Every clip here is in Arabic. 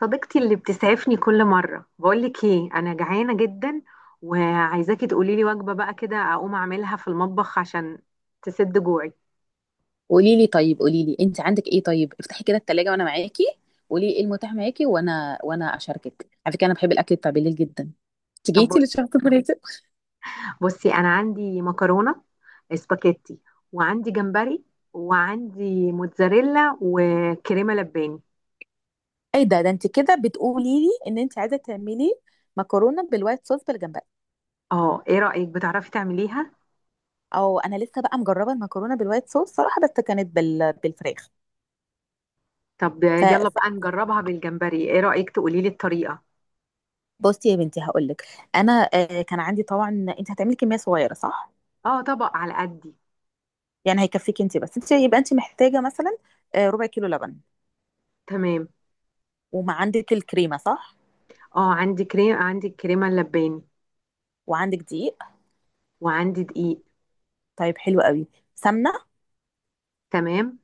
صديقتي اللي بتسعفني كل مرة، بقولك ايه، انا جعانة جدا وعايزاكي تقولي لي وجبة بقى كده اقوم اعملها في المطبخ عشان تسد جوعي. قولي لي طيب، قولي لي انت عندك ايه؟ طيب افتحي كده التلاجة وانا معاكي. قولي لي ايه المتاح معاكي، وانا اشاركك. على فكره انا بحب الاكل بتاع بالليل جدا. طب تيجي بص للشرط الفريزر. بصي انا عندي مكرونة سباكيتي، وعندي جمبري، وعندي موتزاريلا وكريمة لباني. ايه ده، انت كده بتقولي لي ان انت عايزه تعملي مكرونه بالوايت صوص بالجمبري؟ اه، ايه رأيك؟ بتعرفي تعمليها؟ او انا لسه بقى مجربه المكرونه بالوايت صوص صراحه، بس كانت بالفراخ. طب ف يلا ف- بقى نجربها بالجمبري، ايه رأيك؟ تقولي لي الطريقة. بصي يا بنتي هقول لك. انا كان عندي طبعا. انت هتعملي كميه صغيره صح؟ اه، طبق على قدي. يعني هيكفيك انت بس، انت يبقى انت محتاجه مثلا ربع كيلو لبن. تمام. وما عندك الكريمه صح؟ اه، عندي كريم، عندي الكريمة اللباني، وعندك دقيق؟ وعندي دقيق. طيب حلو قوي. سمنه. تمام.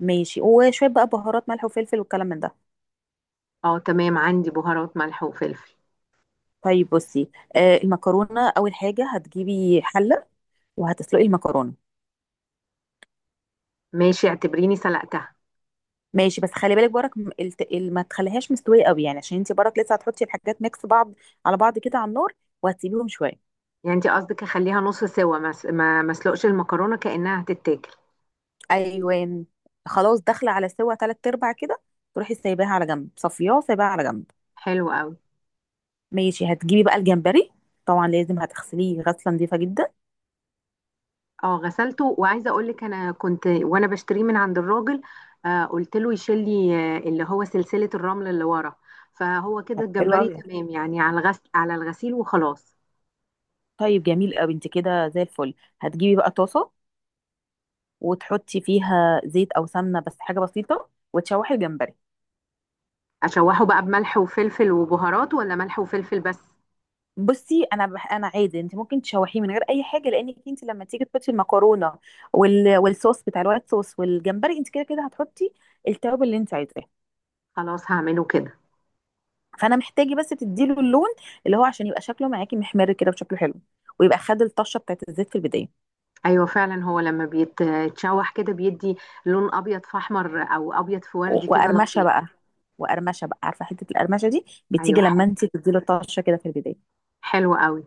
ماشي، وشويه بقى بهارات ملح وفلفل والكلام من ده. اه تمام، عندي بهارات ملح وفلفل. طيب، بصي المكرونه اول حاجه هتجيبي حله وهتسلقي المكرونه. ماشي، اعتبريني سلقتها. ماشي، بس خلي بالك برك ما تخليهاش مستويه قوي، يعني عشان انت برك لسه هتحطي الحاجات ميكس بعض على بعض كده على النار، وهتسيبيهم شويه. يعني انت قصدك اخليها نص سوا، ما س- ما ما اسلقش المكرونه كانها هتتاكل. ايوه، خلاص داخله على سوا تلات ارباع كده، تروحي سايباها على جنب، صفياه سايباها على جنب. حلو قوي. ماشي، هتجيبي بقى الجمبري. طبعا لازم هتغسليه غسله نظيفه جدا. اه غسلته، وعايزه اقول لك، انا كنت وانا بشتريه من عند الراجل، قلت له يشيل لي، اللي هو سلسله الرمل اللي ورا، فهو كده حلوه الجمبري قوي يعني. تمام، يعني على الغسيل وخلاص. طيب جميل قوي، انت كده زي الفل. هتجيبي بقى طاسه وتحطي فيها زيت او سمنه، بس حاجه بسيطه، وتشوحي الجمبري. اشوحه بقى بملح وفلفل وبهارات، ولا ملح وفلفل بس؟ بصي، انا عادي، انت ممكن تشوحيه من غير اي حاجه، لانك انت لما تيجي تحطي المكرونه والصوص بتاع الوايت صوص والجمبري، انت كده كده هتحطي التوابل اللي انت عايزاه. خلاص هعمله كده. فانا محتاجه بس تديله اللون، اللي هو عشان يبقى شكله معاكي محمر كده وشكله حلو، ويبقى خد الطشه بتاعت الزيت في البدايه. ايوه، فعلا هو لما بيتشوح كده بيدي لون ابيض في احمر، او ابيض في وردي، كده وقرمشه لطيف. بقى. وقرمشه بقى، عارفه حته القرمشه دي ايوه، بتيجي لما حلو، انت تديله طشه كده في البدايه. حلو قوي.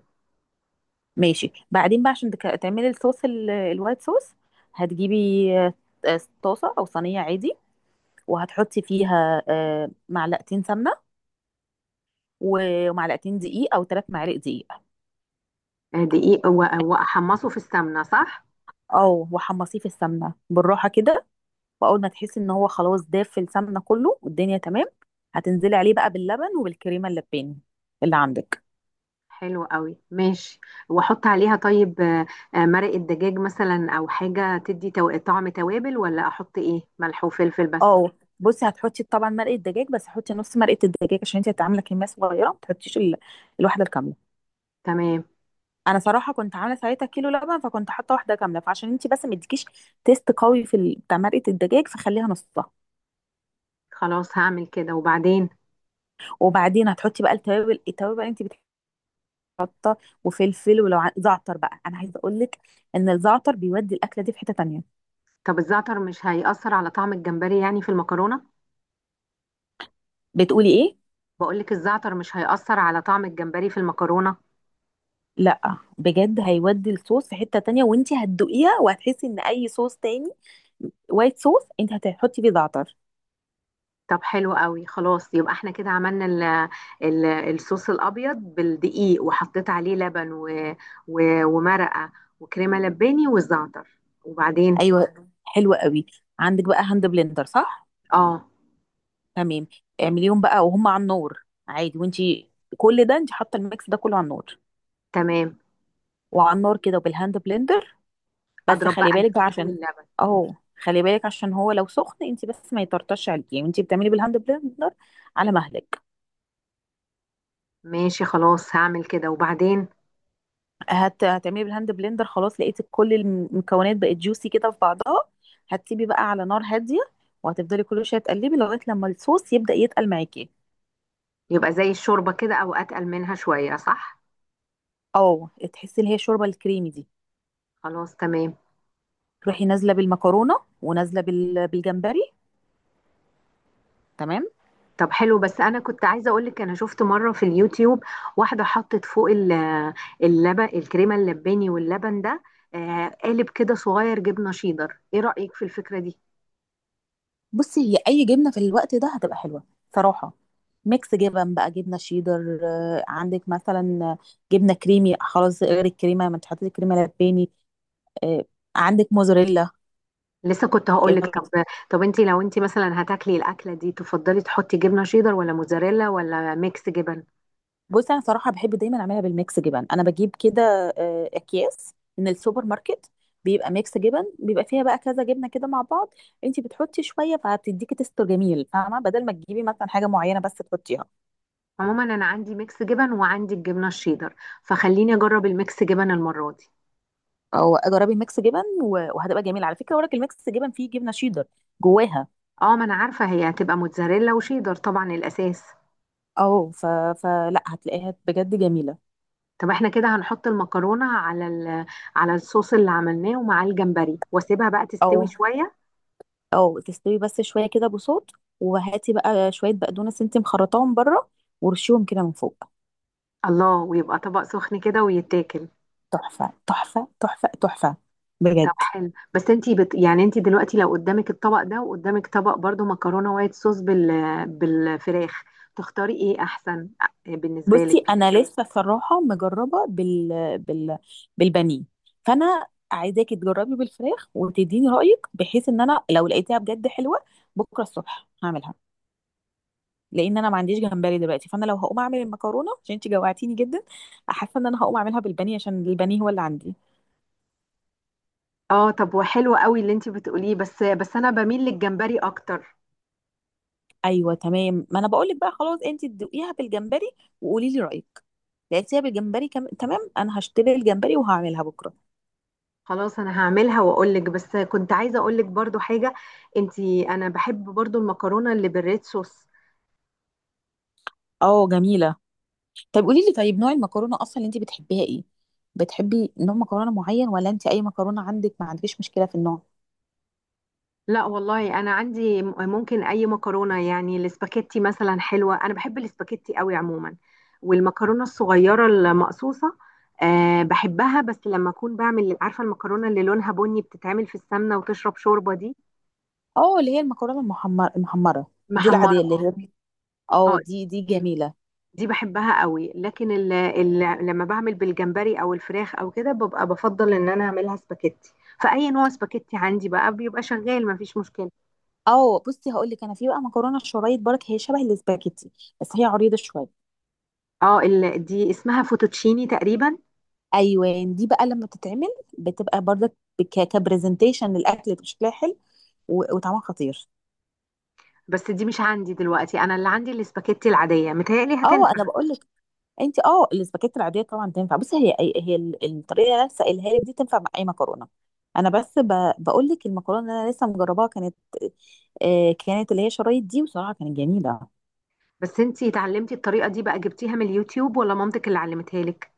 ماشي، بعدين بقى عشان تعملي الصوص الوايت صوص، هتجيبي طاسة أو صينية عادي وهتحطي فيها معلقتين سمنة ومعلقتين دقيق أو ثلاث معالق دقيق. دقيق و- واحمصه في السمنه، صح؟ أو وحمصيه في السمنة بالراحة كده، وأول ما تحسي إن هو خلاص داف في السمنة كله والدنيا تمام، هتنزلي عليه بقى باللبن وبالكريمة اللباني اللي عندك. حلو قوي، ماشي. واحط عليها طيب مرق الدجاج مثلا، او حاجه تدي طعم توابل، ولا احط ايه، ملح وفلفل بس؟ أو بصي، هتحطي طبعا مرقة دجاج، بس حطي نص مرقة الدجاج عشان انت هتعملي كمية صغيرة، ما تحطيش الواحدة الكاملة. تمام، انا صراحه كنت عامله ساعتها كيلو لبن، فكنت حاطه واحده كامله، فعشان انت بس ما تديكيش تيست قوي في بتاع مرقه الدجاج، فخليها نصها. خلاص هعمل كده وبعدين. وبعدين هتحطي بقى التوابل بقى انت بتحطها، وفلفل، ولو زعتر بقى انا عايزه اقول لك ان الزعتر بيودي الاكله دي في حته تانية. طب الزعتر مش هيأثر على طعم الجمبري يعني في المكرونه؟ بتقولي ايه؟ بقولك الزعتر مش هيأثر على طعم الجمبري في المكرونه؟ لا بجد هيودي الصوص في حته تانية، وانت هتدوقيها وهتحسي ان اي صوص تاني، وايت صوص، انت هتحطي فيه زعتر. طب حلو قوي، خلاص. يبقى احنا كده عملنا ال ال الصوص الابيض بالدقيق، وحطيت عليه لبن، و و ومرقه، وكريمه لباني، والزعتر. وبعدين؟ ايوه، حلو قوي. عندك بقى هاند بلندر صح؟ اه تمام. اعمليهم بقى وهم على النار عادي، وانتي كل ده انت حاطه الميكس ده كله على النار. تمام، وعلى النار كده، وبالهاند بلندر، بس اضرب بقى خلي بالك بقى الدقيق عشان واللبن. اهو. خلي بالك عشان هو لو سخن انت، بس ما يطرطش عليكي وانت بتعملي بالهاند بلندر، على مهلك. ماشي خلاص هعمل كده وبعدين. هتعملي بالهاند بلندر، خلاص لقيتي كل المكونات بقت جوسي كده في بعضها، هتسيبي بقى على نار هاديه، وهتفضلي كل شويه تقلبي لغايه لما الصوص يبدأ يتقل معاكي. يبقى زي الشوربه كده، او اتقل منها شويه، صح؟ اه، تحسي اللي هي الشوربه الكريمي دي. خلاص تمام. تروحي نازله بالمكرونه ونازله بالجمبري. تمام. طب حلو، بس انا كنت عايزه اقول لك، انا شفت مره في اليوتيوب واحده حطت فوق اللبن، الكريمه اللباني واللبن ده، قالب كده صغير جبنه شيدر. ايه رايك في الفكره دي؟ بصي، هي اي جبنه في الوقت ده هتبقى حلوه صراحه. ميكس جبن بقى، جبنه شيدر، عندك مثلا جبنه كريمي. خلاص، غير الكريمه ما انت حطيتي كريمه لباني. آه، عندك موزاريلا. لسه كنت هقول لك، كريمة- طب. طب لو انت مثلا هتاكلي الاكله دي تفضلي تحطي جبنه شيدر، ولا موزاريلا، ولا ميكس جبن؟ بصي انا صراحه بحب دايما اعملها بالميكس جبن. انا بجيب كده اكياس من السوبر ماركت، بيبقى ميكس جبن، بيبقى فيها بقى كذا جبنه كده مع بعض، انت بتحطي شويه فهتديكي تستر جميل، فاهمه، بدل ما تجيبي مثلا حاجه معينه بس تحطيها. عموما انا عندي ميكس جبن، وعندي الجبنه الشيدر، فخليني اجرب الميكس جبن المره دي. او جربي الميكس جبن وهتبقى جميله على فكره، وراك الميكس جبن فيه جبنه شيدر جواها. اه، ما انا عارفه هي هتبقى موتزاريلا وشيدر، طبعا الاساس. او ف... فلا، هتلاقيها بجد جميله. طب احنا كده هنحط المكرونة على الصوص اللي عملناه، ومعاه الجمبري، واسيبها بقى تستوي او شوية. او تستوي بس شويه كده بصوت، وهاتي بقى شويه بقدونس انت مخرطاهم بره ورشيهم كده من فوق. الله، ويبقى طبق سخن كده ويتاكل. تحفه تحفه تحفه تحفه، طب بجد. حلو، بس يعني انتي دلوقتي لو قدامك الطبق ده، وقدامك طبق برضو مكرونة وايت صوص بالفراخ، تختاري ايه احسن بالنسبة بصي لك؟ انا لسه صراحه مجربه بالبانيه، فانا عايزاكي تجربي بالفراخ وتديني رايك، بحيث ان انا لو لقيتها بجد حلوه بكره الصبح هعملها، لان انا ما عنديش جمبري دلوقتي. فانا لو هقوم اعمل المكرونه عشان انت جوعتيني جدا، حاسه ان انا هقوم اعملها بالبانيه، عشان البانيه هو اللي عندي. اه، طب وحلو قوي اللي انتي بتقوليه، بس انا بميل للجمبري اكتر. ايوه، تمام، ما انا بقول لك بقى، خلاص انت تدوقيها بالجمبري وقولي لي رايك. لقيتيها بالجمبري تمام، انا هشتري الجمبري وهعملها بكره. خلاص، انا هعملها واقول لك. بس كنت عايزة اقول لك برضو حاجة، انتي، انا بحب برضو المكرونة اللي بالريد صوص. اه جميله. طب قولي لي طيب، نوع المكرونه اصلا اللي انت بتحبيها ايه؟ بتحبي نوع مكرونه معين ولا انت اي مكرونه عندك ما عندكيش مشكله في النوع؟ لا والله، انا عندي، ممكن اي مكرونه، يعني الاسباجيتي مثلا حلوه، انا بحب الاسباجيتي قوي عموما، والمكرونه الصغيره المقصوصه. أه بحبها، بس لما اكون بعمل، عارفه، المكرونه اللي لونها بني بتتعمل في السمنه وتشرب شوربه دي. اه، اللي هي المكرونه المحمر المحمره، دي العاديه محمره، اللي هي. اه. اه، دي جميله. دي بحبها قوي، لكن ال ال لما بعمل بالجمبري، او الفراخ، او كده، ببقى بفضل ان انا اعملها سباجيتي. فاي نوع سباجيتي عندي بقى بيبقى شغال، مفيش مشكله. اه، بصي هقول لك، انا في بقى مكرونه شرايط برك، هي شبه الاسباجيتي بس هي عريضه شويه. اه، دي اسمها فوتوتشيني تقريبا. ايوه. دي بقى لما بتتعمل بتبقى برضك كبرزنتيشن للاكل، بتبقى شكلها حلو وطعمها خطير. بس دي مش عندي دلوقتي، انا اللي عندي الاسباجيتي العاديه، متهيألي اه هتنفع. انا بقول لك، انت اه الاسباجيتي العاديه طبعا تنفع. بصي هي الطريقه اللي انا لسه قايلها لك دي تنفع مع اي مكرونه. انا بس بقول لك المكرونه اللي انا لسه مجرباها كانت كانت اللي هي شرايط دي، وصراحه كانت جميله. بس انتي اتعلمتي الطريقه دي بقى جبتيها من اليوتيوب، ولا مامتك اللي علمتها لك؟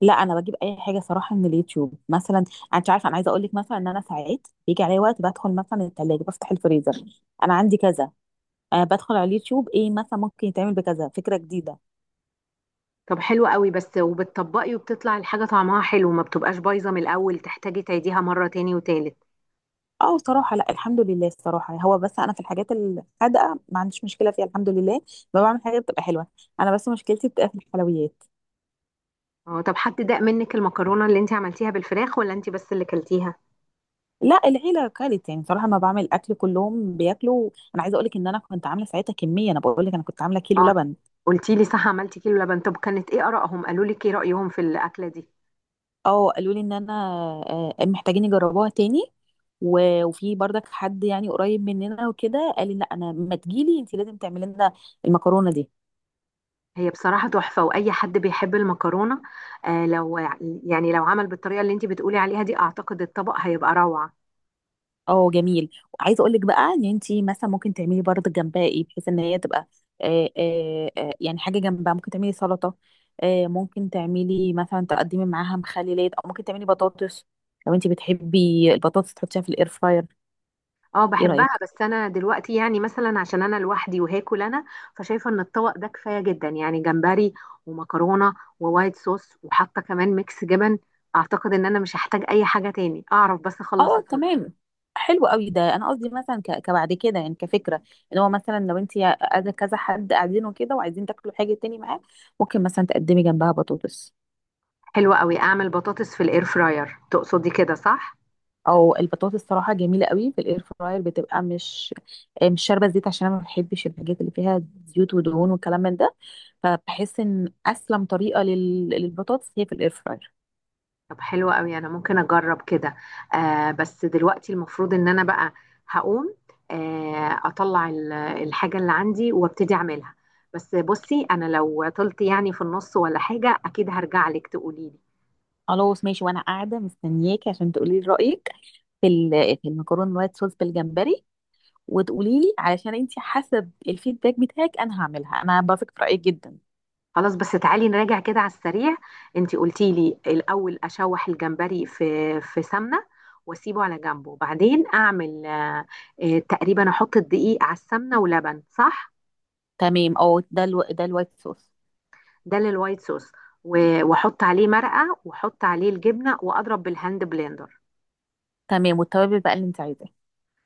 لا، انا بجيب اي حاجه صراحه من اليوتيوب. مثلا انت عارفه، انا عايزه اقول لك مثلا ان انا ساعات بيجي عليا وقت بدخل مثلا الثلاجه، بفتح الفريزر، انا عندي كذا. أه بدخل على اليوتيوب، ايه مثلا ممكن يتعمل بكذا، فكره جديده. طب حلو قوي، بس وبتطبقي وبتطلع الحاجه طعمها حلو؟ ما بتبقاش بايظه من الاول تحتاجي تعيديها مره تاني وتالت؟ اه صراحه، لا الحمد لله. الصراحه هو بس انا في الحاجات الحادقه ما عنديش مشكله فيها، الحمد لله، ما بعمل حاجه بتبقى حلوه. انا بس مشكلتي بتبقى في الحلويات. اه. طب حد داق منك المكرونه اللي انتي عملتيها بالفراخ، ولا انتي بس اللي كلتيها؟ لا، العيله كانت يعني صراحه، ما بعمل اكل كلهم بياكلوا. انا عايزه اقول لك ان انا كنت عامله ساعتها كميه، انا بقول لك انا كنت عامله كيلو اه، لبن. قلتي لي، صح، عملتي كيلو لبن. طب كانت ايه آرائهم؟ قالوا لك ايه رأيهم في الأكلة دي؟ اه قالوا لي ان انا محتاجين يجربوها تاني، وفي برضك حد يعني قريب مننا وكده قال لي لا انا ما تجيلي، انت لازم تعملي لنا المكرونه دي. هي بصراحة تحفة، وأي حد بيحب المكرونة، آه لو يعني لو عمل بالطريقة اللي انتي بتقولي عليها دي أعتقد الطبق هيبقى روعة. اه جميل، وعايزه اقول لك بقى ان انت مثلا ممكن تعملي برضك جنبها ايه، بحيث ان هي تبقى يعني حاجه جنبها، ممكن تعملي سلطه، آه ممكن تعملي مثلا تقدمي معاها مخللات، او ممكن تعملي بطاطس لو انت بتحبي البطاطس تحطيها في الاير فراير. اه ايه بحبها، رايك؟ بس أنا دلوقتي يعني مثلا عشان أنا لوحدي وهاكل أنا، فشايفة إن الطبق ده كفاية جدا، يعني جمبري، ومكرونة، ووايت صوص، وحاطة كمان ميكس جبن. أعتقد إن أنا مش هحتاج أي حاجة تاني، أعرف بس أخلص اه الطبق. تمام، حلو قوي، ده انا قصدي مثلا كبعد كده يعني، كفكره، ان هو مثلا لو انت قاعده كذا حد قاعدين وكده وعايزين تاكلوا حاجه تاني معاه، ممكن مثلا تقدمي جنبها بطاطس. حلوة قوي، أعمل بطاطس في الإير فراير تقصدي كده صح؟ او البطاطس صراحه جميله قوي في الاير فراير، بتبقى مش مش شاربه زيت، عشان انا ما بحبش الحاجات اللي فيها زيوت ودهون والكلام من ده، فبحس ان اسلم طريقه للبطاطس هي في الاير فراير. طب حلو قوي، انا ممكن اجرب كده. بس دلوقتي المفروض ان انا بقى هقوم، اطلع الحاجة اللي عندي وابتدي اعملها. بس بصي، انا لو طلت يعني في النص ولا حاجة اكيد هرجع لك تقولي لي. خلاص ماشي، وانا قاعده مستنياكي عشان تقولي لي رايك في ال... في المكرونه الوايت صوص بالجمبري، وتقولي لي علشان انت حسب الفيدباك بتاعك انا هعملها، انا بثق في رايك جدا. خلاص، بس تعالي نراجع كده على السريع. انتي قلتي لي الاول اشوح الجمبري في سمنة، واسيبه على جنبه، بعدين اعمل تقريبا احط الدقيق على السمنة ولبن، صح؟ تمام، اه، ده الوايت صوص. ده للوايت صوص، و- واحط عليه مرقه، واحط عليه الجبنه، واضرب بالهاند بلندر. تمام، والتوابل بقى اللي انت عايزاه.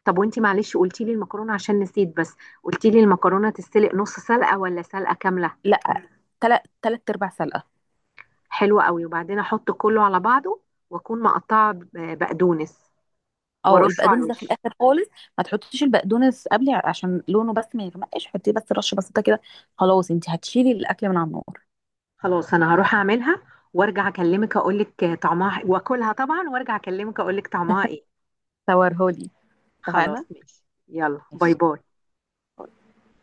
طب وانتي معلش قلتي لي المكرونه، عشان نسيت، بس قلتي لي المكرونه تتسلق نص سلقه ولا سلقه كامله؟ لا، تلات ارباع سلقه. حلوه قوي. وبعدين احط كله على بعضه، واكون مقطعه بقدونس اه وارشه على البقدونس ده في الوش. الاخر خالص، ما تحطيش البقدونس قبل عشان لونه بس ما يغمقش، حطيه بس رشه بسيطه كده، خلاص انت هتشيلي الاكل من على النار. خلاص انا هروح اعملها وارجع اكلمك اقول لك طعمها، واكلها طبعا وارجع اكلمك اقول لك طعمها ايه. صورهولي. خلاص اتفقنا. ماشي، يلا باي باي.